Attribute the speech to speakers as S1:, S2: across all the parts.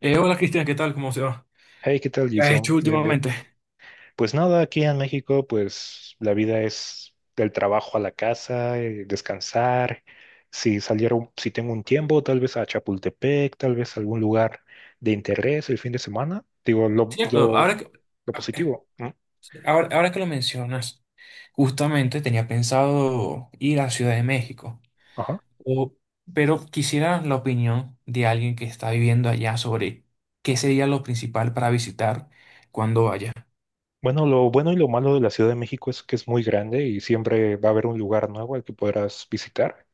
S1: Hola Cristian, ¿qué tal? ¿Cómo se va?
S2: Hey, ¿qué tal,
S1: ¿Qué has
S2: Jason?
S1: hecho
S2: Bien, bien.
S1: últimamente?
S2: Pues nada, aquí en México, pues la vida es del trabajo a la casa, descansar. Si saliera, si tengo un tiempo, tal vez a Chapultepec, tal vez a algún lugar de interés el fin de semana. Digo, lo,
S1: Cierto,
S2: lo,
S1: ahora que,
S2: lo
S1: ah,
S2: positivo, ¿no?
S1: sí, ahora, ahora que lo mencionas, justamente tenía pensado ir a Ciudad de México,
S2: Ajá.
S1: o- pero quisiera la opinión de alguien que está viviendo allá sobre qué sería lo principal para visitar cuando vaya.
S2: Bueno, lo bueno y lo malo de la Ciudad de México es que es muy grande y siempre va a haber un lugar nuevo al que podrás visitar.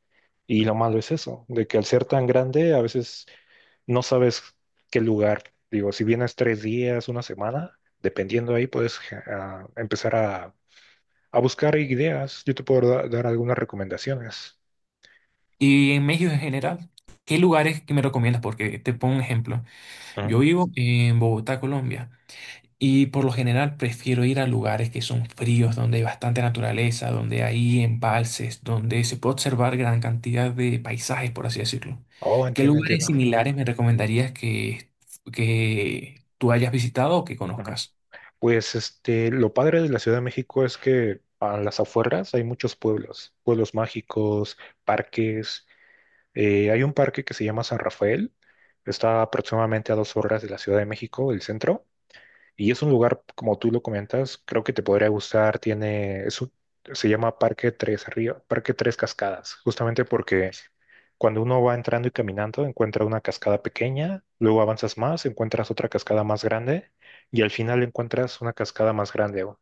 S2: Y lo malo es eso, de que al ser tan grande, a veces no sabes qué lugar. Digo, si vienes 3 días, una semana, dependiendo ahí, puedes a empezar a buscar ideas. Yo te puedo dar algunas recomendaciones.
S1: Y en México en general, ¿qué lugares que me recomiendas? Porque te pongo un ejemplo.
S2: Ujú.
S1: Yo vivo en Bogotá, Colombia. Y por lo general prefiero ir a lugares que son fríos, donde hay bastante naturaleza, donde hay embalses, donde se puede observar gran cantidad de paisajes, por así decirlo.
S2: Oh,
S1: ¿Qué
S2: entiendo,
S1: lugares
S2: entiendo.
S1: similares me recomendarías que tú hayas visitado o que
S2: Ujú.
S1: conozcas?
S2: Pues este, lo padre de la Ciudad de México es que a las afueras hay muchos pueblos, pueblos mágicos, parques. Hay un parque que se llama San Rafael, está aproximadamente a 2 horas de la Ciudad de México, el centro. Y es un lugar, como tú lo comentas, creo que te podría gustar. Se llama Parque Tres Río, Parque Tres Cascadas, justamente porque cuando uno va entrando y caminando, encuentra una cascada pequeña, luego avanzas más, encuentras otra cascada más grande y al final encuentras una cascada más grande.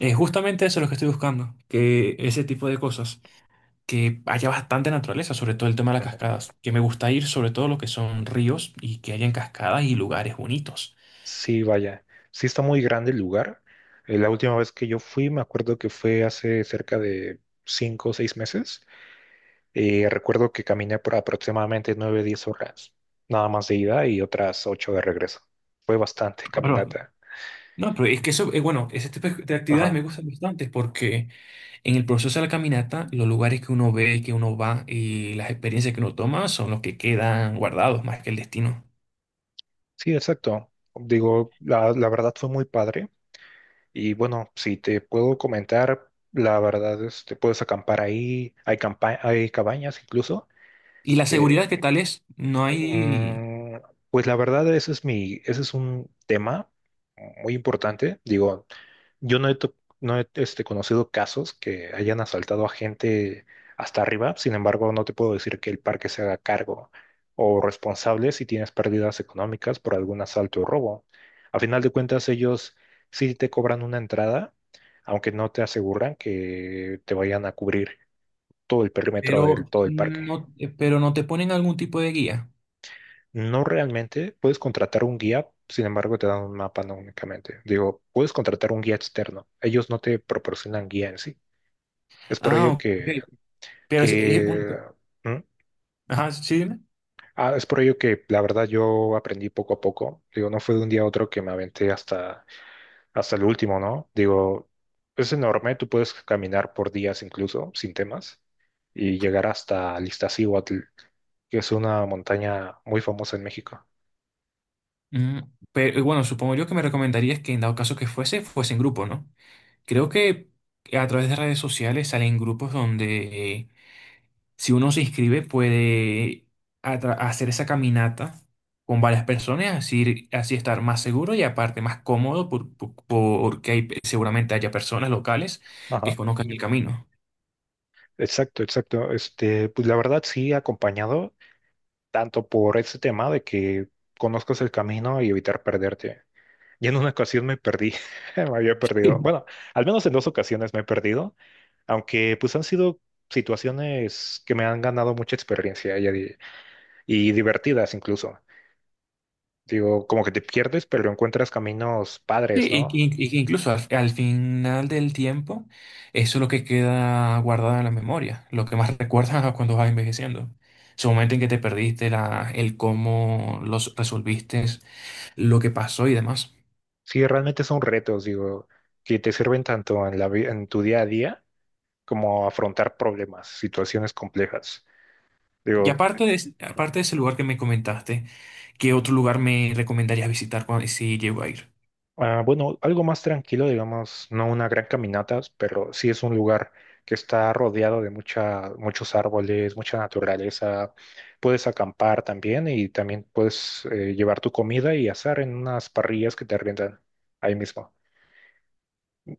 S1: Justamente eso es lo que estoy buscando, que ese tipo de cosas, que haya bastante naturaleza, sobre todo el tema de las
S2: Ujú.
S1: cascadas, que me gusta ir sobre todo lo que son ríos y que hayan cascadas y lugares bonitos.
S2: Sí, vaya, sí está muy grande el lugar. La última vez que yo fui, me acuerdo que fue hace cerca de 5 o 6 meses. Recuerdo que caminé por aproximadamente 9 10 horas, nada más de ida y otras 8 de regreso. Fue bastante
S1: Ah, perdón.
S2: caminata.
S1: No, pero es que eso, bueno, ese tipo de actividades me
S2: Ajá.
S1: gustan bastante porque en el proceso de la caminata, los lugares que uno ve, que uno va y las experiencias que uno toma son los que quedan guardados más que el destino.
S2: Sí, exacto. Digo, la verdad fue muy padre. Y bueno, si te puedo comentar, la verdad es te puedes acampar ahí. Hay cabañas incluso
S1: Y la
S2: que,
S1: seguridad que tal es, no hay,
S2: mm, pues la verdad, ese es mi, ese es un tema muy importante. Digo, yo no he, no he conocido casos que hayan asaltado a gente hasta arriba, sin embargo, no te puedo decir que el parque se haga cargo o responsable si tienes pérdidas económicas por algún asalto o robo. A final de cuentas, ellos sí te cobran una entrada, aunque no te aseguran que te vayan a cubrir todo el perímetro del
S1: pero
S2: todo el parque.
S1: pero no te ponen algún tipo de guía.
S2: No realmente, puedes contratar un guía, sin embargo, te dan un mapa no únicamente. Digo, puedes contratar un guía externo, ellos no te proporcionan guía en sí. Es por
S1: Ah,
S2: ello
S1: ok.
S2: que,
S1: Pero es un-
S2: que ¿Mm?
S1: ajá, sí, dime.
S2: Ah, es por ello que la verdad yo aprendí poco a poco. Digo, no fue de un día a otro que me aventé hasta el último, ¿no? Digo, es enorme, tú puedes caminar por días incluso sin temas y llegar hasta Iztaccíhuatl, que es una montaña muy famosa en México.
S1: Mm, pero bueno, supongo yo que me recomendarías que en dado caso que fuese en grupo, ¿no? Creo que a través de redes sociales salen grupos donde si uno se inscribe, puede hacer esa caminata con varias personas, así, así estar más seguro y aparte más cómodo porque hay, seguramente haya personas locales que
S2: Ajá.
S1: conozcan el camino.
S2: Exacto, exacto. Este, pues la verdad sí, acompañado tanto por ese tema de que conozcas el camino y evitar perderte. Y en una ocasión me perdí, me había perdido. Bueno, al menos en 2 ocasiones me he perdido, aunque pues han sido situaciones que me han ganado mucha experiencia y divertidas incluso. Digo, como que te pierdes, pero encuentras caminos
S1: Sí,
S2: padres,
S1: y, que
S2: ¿no?
S1: y que incluso al final del tiempo, eso es lo que queda guardado en la memoria, lo que más recuerdas cuando vas envejeciendo. Su momento en que te perdiste, el cómo los resolviste, lo que pasó y demás.
S2: Sí, realmente son retos, digo, que te sirven tanto en la en tu día a día como afrontar problemas, situaciones complejas.
S1: Y
S2: Digo,
S1: aparte de, aparte de ese lugar que me comentaste, ¿qué otro lugar me recomendarías visitar cuando, si llego a ir?
S2: ah, bueno, algo más tranquilo, digamos, no una gran caminata, pero sí es un lugar que está rodeado de mucha, muchos árboles, mucha naturaleza. Puedes acampar también y también puedes llevar tu comida y asar en unas parrillas que te arriendan ahí mismo.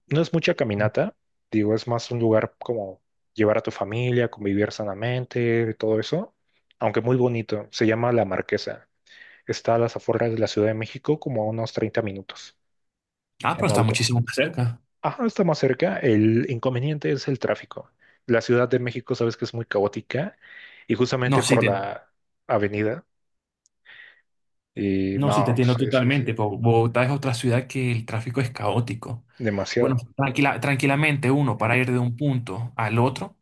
S2: No es mucha caminata, digo, es más un lugar como llevar a tu familia, convivir sanamente, todo eso, aunque muy bonito. Se llama La Marquesa. Está a las afueras de la Ciudad de México, como a unos 30 minutos
S1: Ah, pero
S2: en
S1: está
S2: auto.
S1: muchísimo más cerca.
S2: Ajá, está más cerca. El inconveniente es el tráfico. La Ciudad de México, sabes que es muy caótica y
S1: No,
S2: justamente
S1: sí
S2: por
S1: te,
S2: la avenida. Y
S1: no, sí te
S2: no,
S1: entiendo
S2: sí, sí, sí,
S1: totalmente. Bogotá es otra ciudad que el tráfico es caótico. Bueno,
S2: demasiado.
S1: tranquilamente uno para
S2: Ajá.
S1: ir de un punto al otro.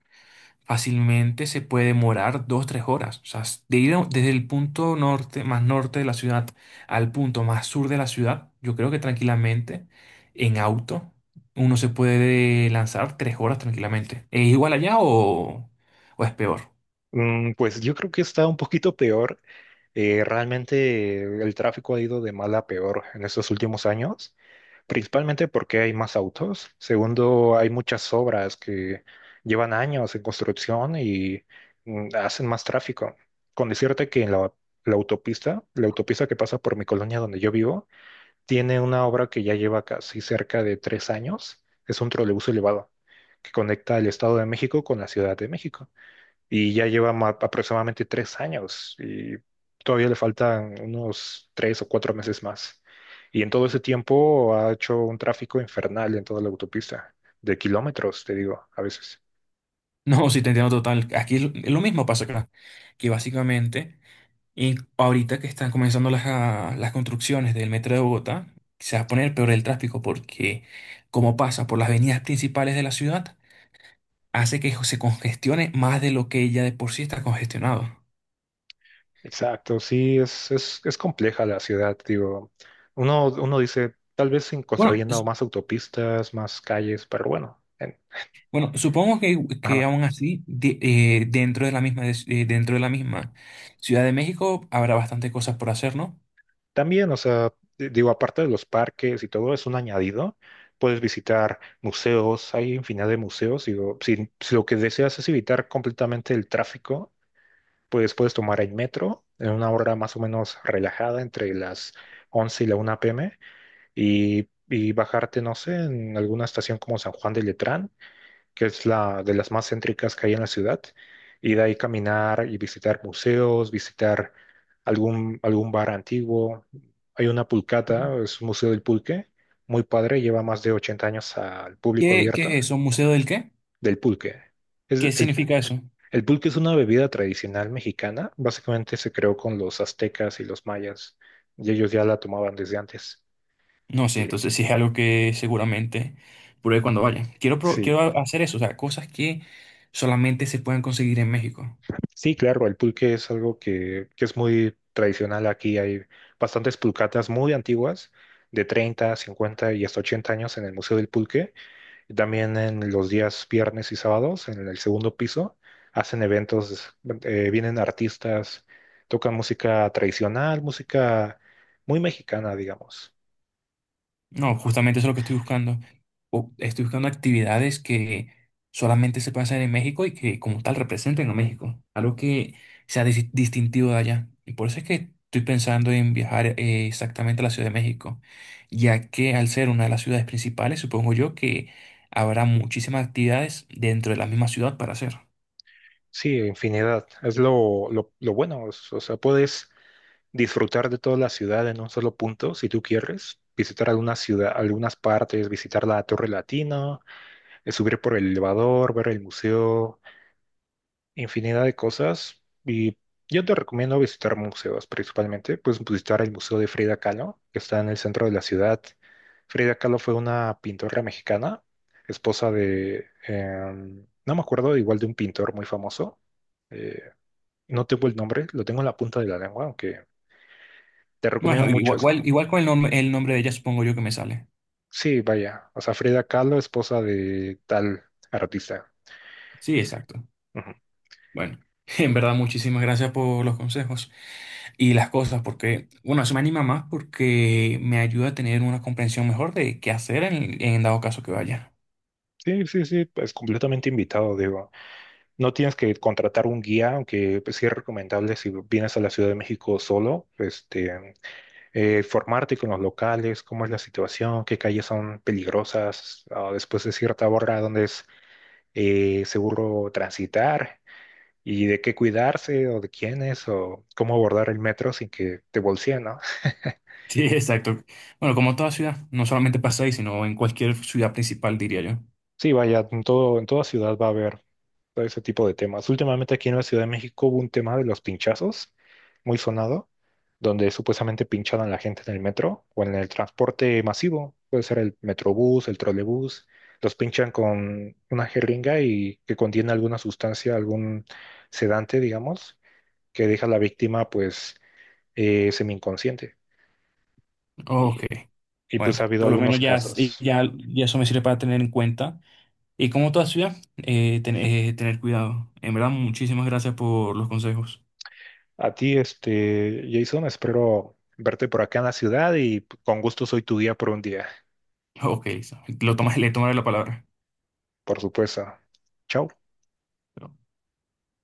S1: Fácilmente se puede demorar dos, tres horas. O sea, desde el punto norte, más norte de la ciudad al punto más sur de la ciudad, yo creo que tranquilamente, en auto, uno se puede lanzar tres horas tranquilamente. ¿Es igual allá o es peor?
S2: Pues yo creo que está un poquito peor. Realmente el tráfico ha ido de mal a peor en estos últimos años, principalmente porque hay más autos. Segundo, hay muchas obras que llevan años en construcción y hacen más tráfico. Con decirte que en la autopista, la autopista que pasa por mi colonia donde yo vivo, tiene una obra que ya lleva casi cerca de 3 años. Es un trolebús elevado que conecta el Estado de México con la Ciudad de México y ya lleva aproximadamente 3 años y todavía le faltan unos 3 o 4 meses más. Y en todo ese tiempo ha hecho un tráfico infernal en toda la autopista, de kilómetros, te digo, a veces.
S1: No, si te entiendo total. Aquí es lo mismo pasa acá. Que básicamente, y ahorita que están comenzando las construcciones del metro de Bogotá, se va a poner peor el tráfico porque como pasa por las avenidas principales de la ciudad, hace que se congestione más de lo que ya de por sí está congestionado.
S2: Exacto, sí, es compleja la ciudad, digo. Uno dice, tal vez sin
S1: Bueno,
S2: construyendo
S1: s-
S2: más autopistas, más calles, pero bueno.
S1: bueno, supongo que
S2: Ajá.
S1: aún así, dentro de la misma, dentro de la misma Ciudad de México habrá bastante cosas por hacer, ¿no?
S2: También, o sea, digo, aparte de los parques y todo, es un añadido. Puedes visitar museos, hay infinidad de museos. Digo, si lo que deseas es evitar completamente el tráfico, pues puedes tomar el metro en una hora más o menos relajada entre las 11 y la 1 p.m. y bajarte, no sé, en alguna estación como San Juan de Letrán que es la de las más céntricas que hay en la ciudad, y de ahí caminar y visitar museos, visitar algún bar antiguo. Hay una pulcata, es un museo del pulque, muy padre, lleva más de 80 años al público
S1: ¿Qué, qué
S2: abierto
S1: es eso? ¿Museo del qué?
S2: del pulque. Es,
S1: ¿Qué
S2: el,
S1: significa eso?
S2: el pulque es una bebida tradicional mexicana, básicamente se creó con los aztecas y los mayas, y ellos ya la tomaban desde antes.
S1: No sé,
S2: Y,
S1: entonces sí es algo que seguramente pruebe cuando vaya.
S2: sí.
S1: Quiero hacer eso, o sea, cosas que solamente se pueden conseguir en México.
S2: Sí, claro, el pulque es algo que es muy tradicional aquí. Hay bastantes pulcatas muy antiguas, de 30, 50 y hasta 80 años en el Museo del Pulque. Y también en los días viernes y sábados, en el segundo piso, hacen eventos, vienen artistas, tocan música tradicional, música muy mexicana, digamos.
S1: No, justamente eso es lo que estoy buscando. Estoy buscando actividades que solamente se pueden hacer en México y que como tal representen a México. Algo que sea distintivo de allá. Y por eso es que estoy pensando en viajar exactamente a la Ciudad de México, ya que al ser una de las ciudades principales, supongo yo que habrá muchísimas actividades dentro de la misma ciudad para hacer.
S2: Sí, infinidad. Es lo bueno. O sea, puedes disfrutar de toda la ciudad en un solo punto, si tú quieres, visitar alguna ciudad, algunas partes, visitar la Torre Latina, subir por el elevador, ver el museo, infinidad de cosas. Y yo te recomiendo visitar museos principalmente, pues visitar el Museo de Frida Kahlo, que está en el centro de la ciudad. Frida Kahlo fue una pintora mexicana, esposa de, no me acuerdo, igual de un pintor muy famoso. Eh, no tengo el nombre, lo tengo en la punta de la lengua, aunque te recomiendo
S1: Bueno,
S2: mucho eso.
S1: igual con el nombre de ella supongo yo que me sale.
S2: Sí, vaya. O sea, Frida Kahlo, esposa de tal artista.
S1: Sí, exacto.
S2: Ujú.
S1: Bueno, en verdad muchísimas gracias por los consejos y las cosas, porque, bueno, eso me anima más porque me ayuda a tener una comprensión mejor de qué hacer en dado caso que vaya.
S2: Sí, sí, sí, es completamente invitado, digo. No tienes que contratar un guía, aunque pues, sí es recomendable si vienes a la Ciudad de México solo, formarte con los locales, cómo es la situación, qué calles son peligrosas, después de cierta hora, dónde es seguro transitar y de qué cuidarse o de quién es o cómo abordar el metro sin que te bolseen, ¿no?
S1: Sí, exacto. Bueno, como toda ciudad, no solamente pasa ahí, sino en cualquier ciudad principal, diría yo.
S2: Sí, vaya, en todo, en toda ciudad va a haber todo ese tipo de temas. Últimamente aquí en la Ciudad de México hubo un tema de los pinchazos, muy sonado, donde supuestamente pinchaban a la gente en el metro o en el transporte masivo. Puede ser el metrobús, el trolebús. Los pinchan con una jeringa y que contiene alguna sustancia, algún sedante, digamos, que deja a la víctima pues semi-inconsciente. Y,
S1: Ok.
S2: y
S1: Bueno,
S2: pues ha habido
S1: por lo
S2: algunos
S1: menos
S2: casos.
S1: ya eso me sirve para tener en cuenta. Y como toda ciudad, tener cuidado. En verdad, muchísimas gracias por los consejos.
S2: A ti, Jason, espero verte por acá en la ciudad y con gusto soy tu guía por un día,
S1: Ok, Lisa, le tomaré la palabra.
S2: por supuesto. Chao.